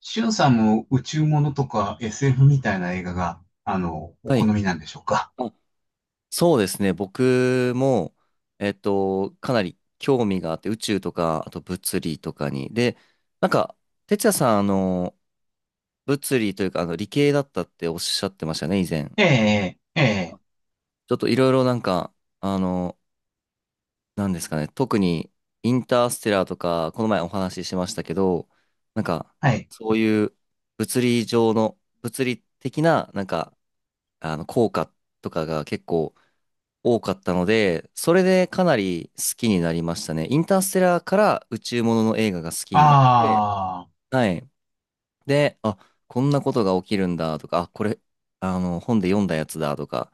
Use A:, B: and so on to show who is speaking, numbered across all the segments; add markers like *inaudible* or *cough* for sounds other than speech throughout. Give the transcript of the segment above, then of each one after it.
A: しゅんさんも宇宙ものとか SF みたいな映画が、お
B: は
A: 好
B: い。
A: みなんでしょうか？
B: あ、そうですね。僕も、かなり興味があって、宇宙とか、あと物理とかに。で、なんか、哲也さん、物理というか、理系だったっておっしゃってましたね、以前。
A: ええ、ええ、
B: あちょっといろいろなんか、あの、なんですかね、特に、インターステラーとか、この前お話ししましたけど、なんか、
A: はい。
B: そういう物理的な、効果とかが結構、多かったので、それでかなり好きになりましたね。インターステラーから宇宙ものの映画が好きになって、
A: ああ、
B: はい。で、あ、こんなことが起きるんだとか、あ、これ、あの、本で読んだやつだとか、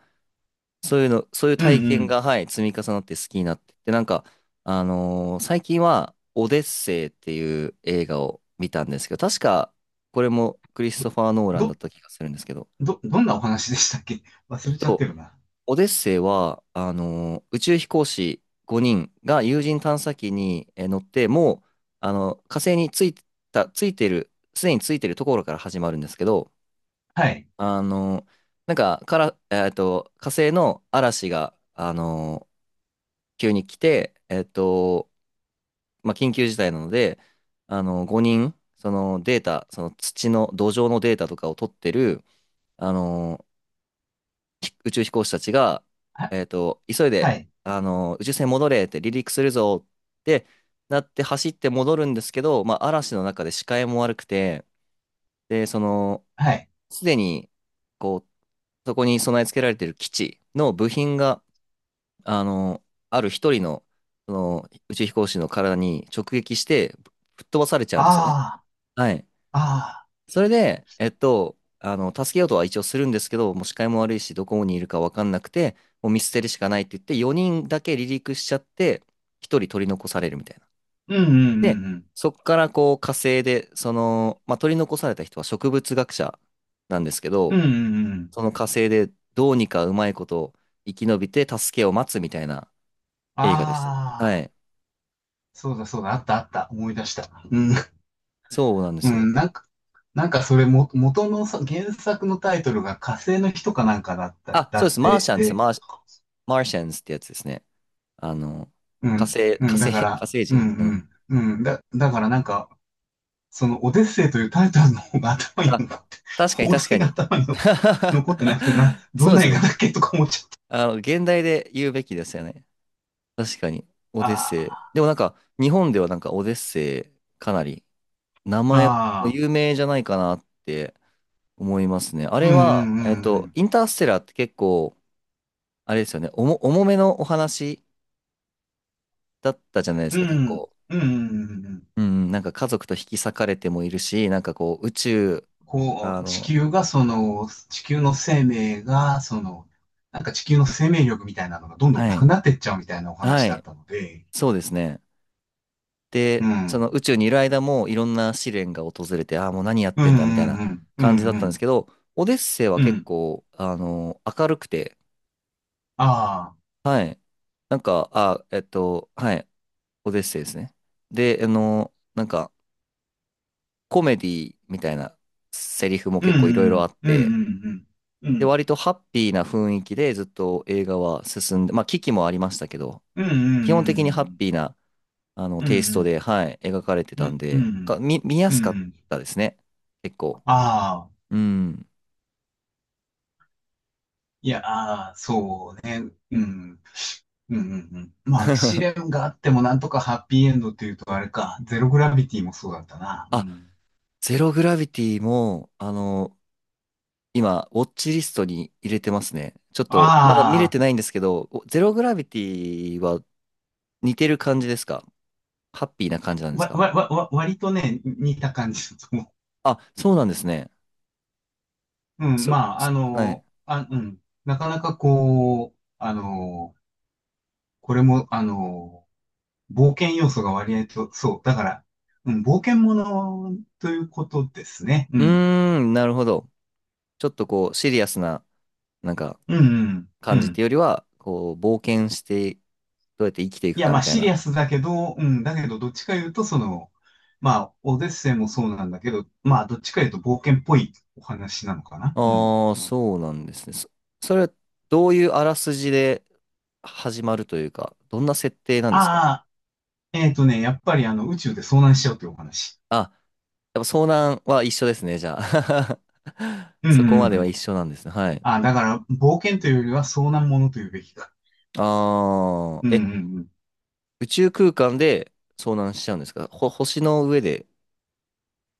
B: そういうの、そういう
A: う
B: 体験
A: ん
B: が、はい、積み重なって好きになって、で、なんか、あのー最近は、オデッセイっていう映画を見たんですけど、確か、これもクリス
A: う
B: ト
A: ん。
B: ファー・ノーランだっ
A: ど、
B: た気がするんですけど、
A: どんなお話でしたっけ？
B: え
A: 忘
B: っ
A: れちゃって
B: と、
A: るな。
B: オデッセイは、宇宙飛行士5人が有人探査機に乗って、もう、あの、火星についた、ついてる、すでについてるところから始まるんですけど、
A: はい。
B: あの、なんか、から、えっと、火星の嵐が、急に来て、まあ、緊急事態なので、5人、そのデータ、その土壌のデータとかを取ってる、あの、宇宙飛行士たちが、
A: は、
B: 急い
A: は
B: で、
A: い。
B: 宇宙船戻れって離陸するぞってなって走って戻るんですけど、まあ、嵐の中で視界も悪くて、で、その、
A: はい。
B: すでに、こう、そこに備え付けられている基地の部品が、あの、ある一人の、その、宇宙飛行士の体に直撃して、吹っ飛ばされちゃうんですよね。
A: あ
B: はい。
A: あ、ああ、
B: それで、助けようとは一応するんですけど、もう視界も悪いし、どこにいるか分かんなくて、もう見捨てるしかないって言って、4人だけ離陸しちゃって、1人取り残されるみたいな。
A: うんうんう
B: で、
A: んうん。
B: そっからこう火星で、その、まあ、取り残された人は植物学者なんですけ
A: う
B: ど、
A: んうんうん。
B: その火星でどうにかうまいこと生き延びて助けを待つみたいな映画でした。は
A: ああ、
B: い。
A: そうだそうだ、あったあった、思い出した。うん、
B: そうなんで
A: う
B: すよ。
A: ん、なんか、それも、元のさ、原作のタイトルが火星の人かなんかだった、
B: あ、
A: だ
B: そうで
A: っ
B: す。マーシ
A: て、
B: ャンです。マーシャンズってやつですね。あの、
A: うん、うん、だか
B: 火
A: ら、
B: 星
A: う
B: 人。うん
A: ん、うん、うん、だからなんか、そのオデッセイというタイトルの方が頭に
B: あ、
A: 残って、
B: 確かに
A: 放
B: 確
A: 題
B: か
A: が
B: に。
A: 頭に残ってなくてな、
B: *laughs*
A: ど
B: そ
A: ん
B: うで
A: な
B: す
A: 映
B: よ
A: 画
B: ね。
A: だっけとか思っちゃった。
B: 現代で言うべきですよね。確かに。オデッセイ。
A: あ
B: でも日本ではオデッセイ、かなり、名
A: あ、
B: 前も
A: ああ、
B: 有名じゃないかなって思いますね。あ
A: う
B: れ
A: ん、う
B: は、
A: ん、うん、
B: インターステラーって結構、あれですよね、重めのお話だったじゃないで
A: う
B: す
A: ん、
B: か、結構。
A: うん、うん、うんうん、
B: うん、なんか家族と引き裂かれてもいるし、なんかこう、宇宙、
A: こ
B: あ
A: う、
B: の、
A: 地球の生命が、その、なんか地球の生命力みたいなのがどんどん
B: は
A: なく
B: い、
A: なってっちゃうみたいなお
B: は
A: 話だっ
B: い、
A: たので、
B: そうですね。
A: う
B: で、その
A: ん、
B: 宇宙にいる間もいろんな試練が訪れて、ああ、もう何やっ
A: うん、
B: てんだみたいな
A: うん、うん、う
B: 感じだ
A: ん、
B: っ
A: う
B: たんです
A: ん、
B: けど、オデッセイは
A: う
B: 結
A: ん、
B: 構、明るくて、
A: ああ、
B: はい。はい、オデッセイですね。で、あの、なんか、コメディみたいなセリフも
A: うんう
B: 結構いろいろあ
A: ん、
B: っ
A: うん
B: て、
A: うん、う
B: で、
A: ん、
B: 割とハッピーな雰囲気でずっと映画は進んで、まあ、危機もありましたけど、
A: うん、う
B: 基本的にハッ
A: ん、
B: ピーな
A: うん、う
B: テイスト
A: ん、
B: で、はい、描かれて
A: う
B: たん
A: ん、うん、
B: で、見や
A: うん、う
B: すかっ
A: ん、
B: たですね。結構。
A: ああ、
B: うん。
A: いや、ああ、そうね、うん、うん、うん、まあ、試
B: *laughs*
A: 練があってもなんとかハッピーエンドっていうとあれか、ゼログラビティもそうだったな、う
B: あ、
A: ん。
B: ゼログラビティも、今、ウォッチリストに入れてますね。ちょっと、まだ見れ
A: あ
B: てないんですけど、おゼログラビティは似てる感じですか？ハッピーな感じなんです
A: あ、わ、
B: か？
A: わ、わ、わ割とね、似た感じだと思
B: あ、そうなんですね。
A: う。うん、まあ、あ
B: はい。
A: の、あ、うん、なかなかこう、あの、これも、あの、冒険要素が割合と、そう。だから、うん、冒険ものということですね。う
B: う
A: ん。
B: ーん、なるほど。ちょっとこう、シリアスな、なんか、
A: うん、うん、う
B: 感じってい
A: ん。
B: うよりは、こう、冒険して、どうやって生きてい
A: い
B: く
A: や、
B: か
A: ま
B: み
A: あ、
B: たい
A: シリア
B: な。
A: スだけど、うん、だけど、どっちか言うと、その、まあ、オデッセイもそうなんだけど、まあ、どっちか言うと冒険っぽいお話なのかな。うん。
B: ああ、そうなんですね。それはどういうあらすじで始まるというか、どんな設定なんですか？
A: ああ、えっとね、やっぱりあの、宇宙で遭難しちゃうというお話。
B: あ、やっぱ遭難は一緒ですね、じゃあ。*laughs*
A: うん、
B: そこ
A: う
B: ま
A: ん、う
B: では
A: ん。
B: 一緒なんですね。はい。
A: ああ、だから、冒険というよりは遭難ものというべきだ。
B: ああ、
A: うん、う
B: え、
A: ん、うん。
B: 宇宙空間で遭難しちゃうんですか？ほ、星の上で。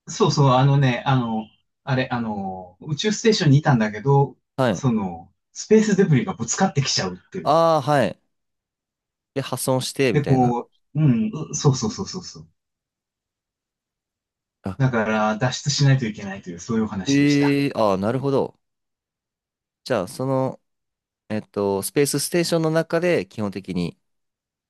A: そうそう、あのね、あの、あれ、あの、宇宙ステーションにいたんだけど、
B: はい。
A: その、スペースデブリがぶつかってきちゃうっていう。
B: ああ、はい。で、破損して、み
A: で、
B: たいな。
A: こう、うん、うそうそうそうそうそう。
B: あ、
A: だから、脱出しないといけないという、そういうお話でした。
B: ああ、なるほど。じゃあ、その、スペースステーションの中で基本的に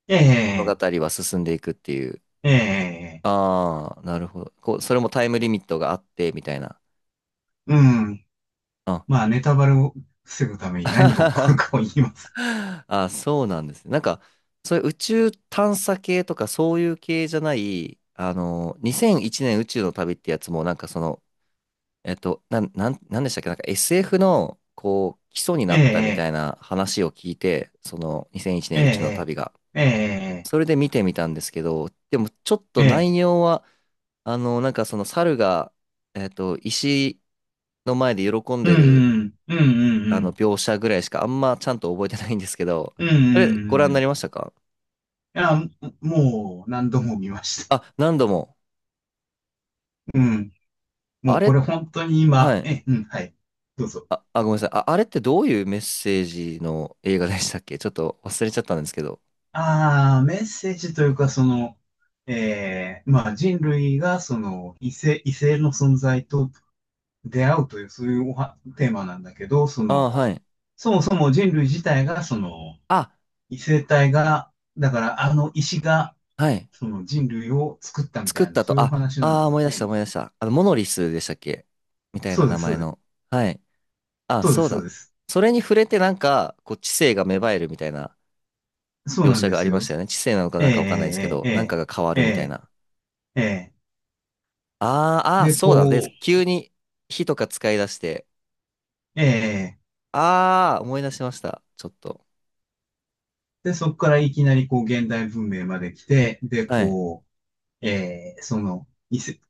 A: え
B: 物語
A: え、
B: は進んでいくっていう。
A: ええ、
B: ああ、なるほど。こう、それもタイムリミットがあって、みたいな。
A: うん。
B: あ
A: まあ、ネタバレを防ぐために何が起こる
B: *laughs*
A: かを言います。
B: あ、そうなんですね。そういう宇宙探査系とかそういう系じゃない、2001年宇宙の旅ってやつも、その、なんでしたっけ？なんか SF の、こう、基礎に
A: え
B: なったみ
A: え、
B: たいな話を聞いて、その2001
A: え
B: 年宇宙の
A: え、
B: 旅が。
A: ええ、
B: それで見てみたんですけど、でもちょっと
A: ええ、
B: 内容は、その猿が、石の前で喜ん
A: う
B: でる、
A: ん、うん、うん、
B: 描写ぐらいしかあんまちゃんと覚えてないんですけど、
A: うん、うん、うん、う
B: *laughs* あれ、ご
A: ん、う
B: 覧に
A: ん。
B: な
A: い
B: りましたか？
A: や、もう、何度も見ました。
B: あ、何度も。
A: うん。も
B: あ
A: うこ
B: れ、
A: れ本当に
B: は
A: 今、
B: い。
A: うん、はい。どうぞ。
B: あ、あ、ごめんなさい。あ、あれってどういうメッセージの映画でしたっけ？ちょっと忘れちゃったんですけど。
A: ああ、メッセージというか、その、ええ、まあ人類がその異性の存在と出会うという、そういうおはテーマなんだけど、そ
B: あ、は
A: の、
B: い。
A: そもそも人類自体が、その、
B: あ、
A: 異性体が、だからあの石が、
B: はい。
A: その人類を作ったみ
B: 作っ
A: たいな、
B: た
A: そうい
B: と、
A: うお
B: あ、
A: 話な
B: あ
A: の
B: ー、
A: で、
B: 思い
A: え
B: 出し
A: え、
B: た思い出した。あの、モノリスでしたっけ？みたいな
A: そうで
B: 名
A: す、そ
B: 前
A: うです、
B: の。はい。あ、
A: そうで
B: そ
A: す、
B: う
A: そうで
B: だ。
A: す。
B: それに触れてなんか、こう、知性が芽生えるみたいな。
A: そう
B: 描
A: なん
B: 写
A: で
B: があ
A: す
B: りま
A: よ。
B: したよね。知性なのか
A: え
B: なん
A: え、
B: かわかんないですけど、
A: え
B: なんか
A: え、
B: が変わ
A: ええ、え
B: るみたいな。
A: え、ええ、
B: あー、あー、
A: で、
B: そ
A: こ
B: うだ。で、
A: う、
B: 急に火とか使い出して、
A: ええ、
B: あー、思い出しました。ちょっと。
A: で、そこからいきなりこう現代文明まで来て、で、
B: はい。
A: こう、ええ、その、異世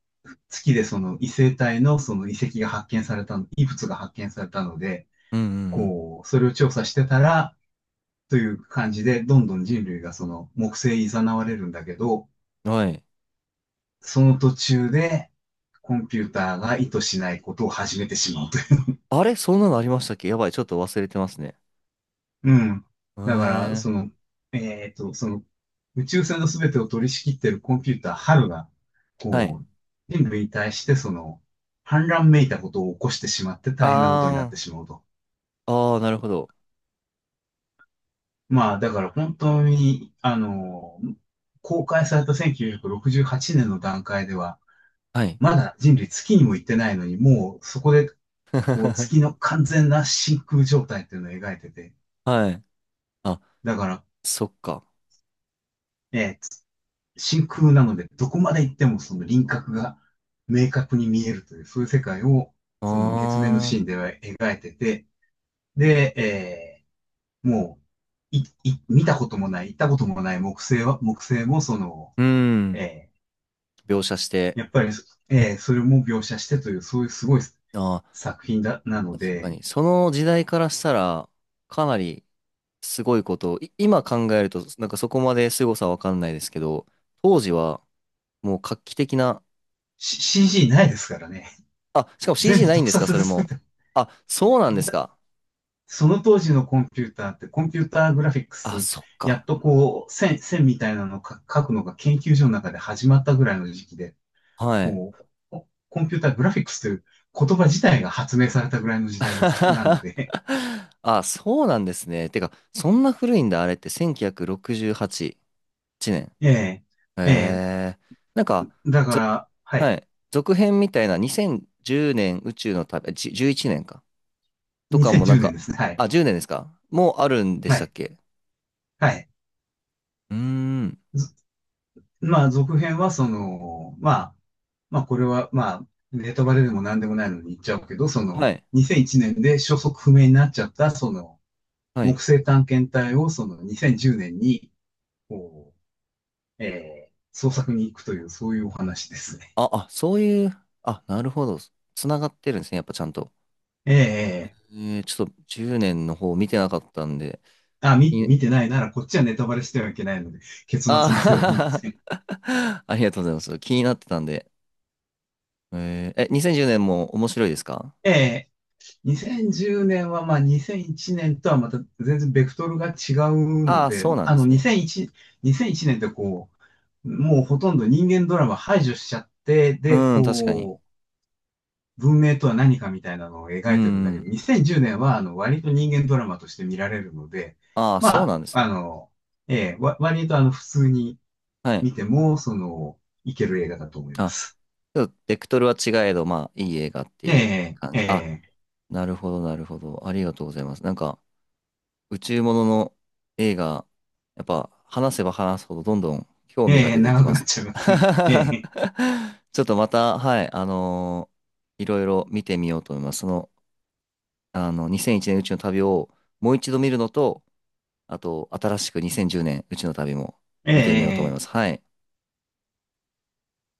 A: 月でその異星体のその遺物が発見されたので、
B: うんうん
A: こう、それを調査してたら、という感じで、どんどん人類がその木星に誘われるんだけど、
B: うん。はい。
A: その途中で、コンピューターが意図しないことを始めてしまうと。
B: あれそんなのありましたっけ？やばい。ちょっと忘れてますね。
A: うん。
B: へ
A: だから、
B: え
A: そ
B: ー。
A: の、その、宇宙船の全てを取り仕切ってるコンピューター、ハルが、
B: はい。
A: こう、人類に対して、その、反乱めいたことを起こしてしまって大変なことになっ
B: あ
A: てしまうと。
B: ー、あー、なるほど。
A: まあ、だから本当に、あの、公開された1968年の段階では、
B: はい。
A: まだ人類月にも行ってないのに、もうそこで、こう、月
B: *laughs*
A: の完全な真空状態っていうのを描いてて、
B: はい。あ、
A: だから、
B: そっか。
A: え真空なので、どこまで行ってもその輪郭が明確に見えるという、そういう世界を、その月面の
B: あ
A: シーンでは描いてて、で、もう、見たこともない、行ったこともない木星もその、
B: ー、うん。
A: え
B: 描写して。
A: やっぱり、それも描写してという、そういうすごい
B: あー、
A: 作品だ、なの
B: 確か
A: で、
B: に、その時代からしたら、かなりすごいことを、今考えると、なんかそこまですごさはわかんないですけど、当時はもう画期的な、
A: CG ないですからね。
B: あ、しかも
A: 全
B: CG
A: 部
B: ないん
A: 特
B: ですか、
A: 撮
B: そ
A: で
B: れ
A: 作っ
B: も。
A: て、
B: あ、そうなんです
A: だ
B: か。
A: その当時のコンピューターって、コンピューターグラフィック
B: あ、
A: ス、
B: そっ
A: や
B: か。
A: っとこう、線みたいなのをか書くのが研究所の中で始まったぐらいの時期で、
B: はい。
A: こう、コンピューターグラフィックスという言葉自体が発明されたぐらいの時代です。なの
B: *laughs*
A: で、
B: あ、そうなんですね。てか、そんな古いんだ、あれって1968年。
A: *laughs* ええ、
B: へ
A: ええ、
B: えー。なんか、
A: だか
B: ぞ
A: ら、は
B: は
A: い、
B: い。続編みたいな2010年宇宙の旅、11年か。とかも
A: 2010
B: なん
A: 年
B: か、
A: ですね。はい、
B: あ、10年ですか？もうあるんで
A: は
B: したっ
A: い、
B: け？
A: はい。
B: うーん。
A: ずまあ、続編はその、まあ、これは、まあ、ネタバレでも何でもないのに言っちゃうけど、そ
B: は
A: の、
B: い。
A: 2001年で消息不明になっちゃった、その、
B: は
A: 木
B: い。
A: 星探検隊をその2010年に、こう、捜索に行くという、そういうお話ですね。
B: あ、あ、そういう、あ、なるほど。つながってるんですね。やっぱちゃんと。
A: えー
B: えー、ちょっと10年の方見てなかったんで。
A: あ、
B: い
A: 見てないなら、こっちはネタバレしてはいけないので、結
B: あ
A: 末までは言いませ
B: ー
A: ん。
B: *laughs* ありがとうございます。気になってたんで。えーえ、2010年も面白いですか？
A: え2010年は、まあ、2001年とはまた全然ベクトルが違う
B: あ
A: の
B: あー、
A: で、
B: そう
A: ま
B: なん
A: あ
B: で
A: の、
B: すね。
A: 2001、2001年ってこう、もうほとんど人間ドラマ排除しちゃって、で、
B: うん、確かに。
A: こう、文明とは何かみたいなのを
B: う
A: 描いてるんだけ
B: ん。
A: ど、2010年は、あの、割と人間ドラマとして見られるので、
B: ああ、
A: ま
B: そう
A: あ、
B: なんです
A: あ
B: ね。
A: の、ええ、割とあの、普通に
B: はい。
A: 見ても、その、いける映画だと思いま
B: あ、
A: す。
B: ちょっとベクトルは違えど、まあ、いい映画って
A: え
B: いう
A: え、
B: 感
A: え
B: じ。あ、
A: え、
B: なるほど、なるほど。ありがとうございます。宇宙ものの映画、やっぱ、話せば話すほどどんどん興味が出てき
A: 長
B: ま
A: くなっ
B: す。
A: ちゃいますね。え
B: *laughs* ちょっとまた、はい、あのーいろいろ見てみようと思います。その、あの、2001年宇宙の旅をもう一度見るのと、あと、新しく2010年宇宙の旅も見てみようと思い
A: え、え
B: ます。
A: え
B: はい。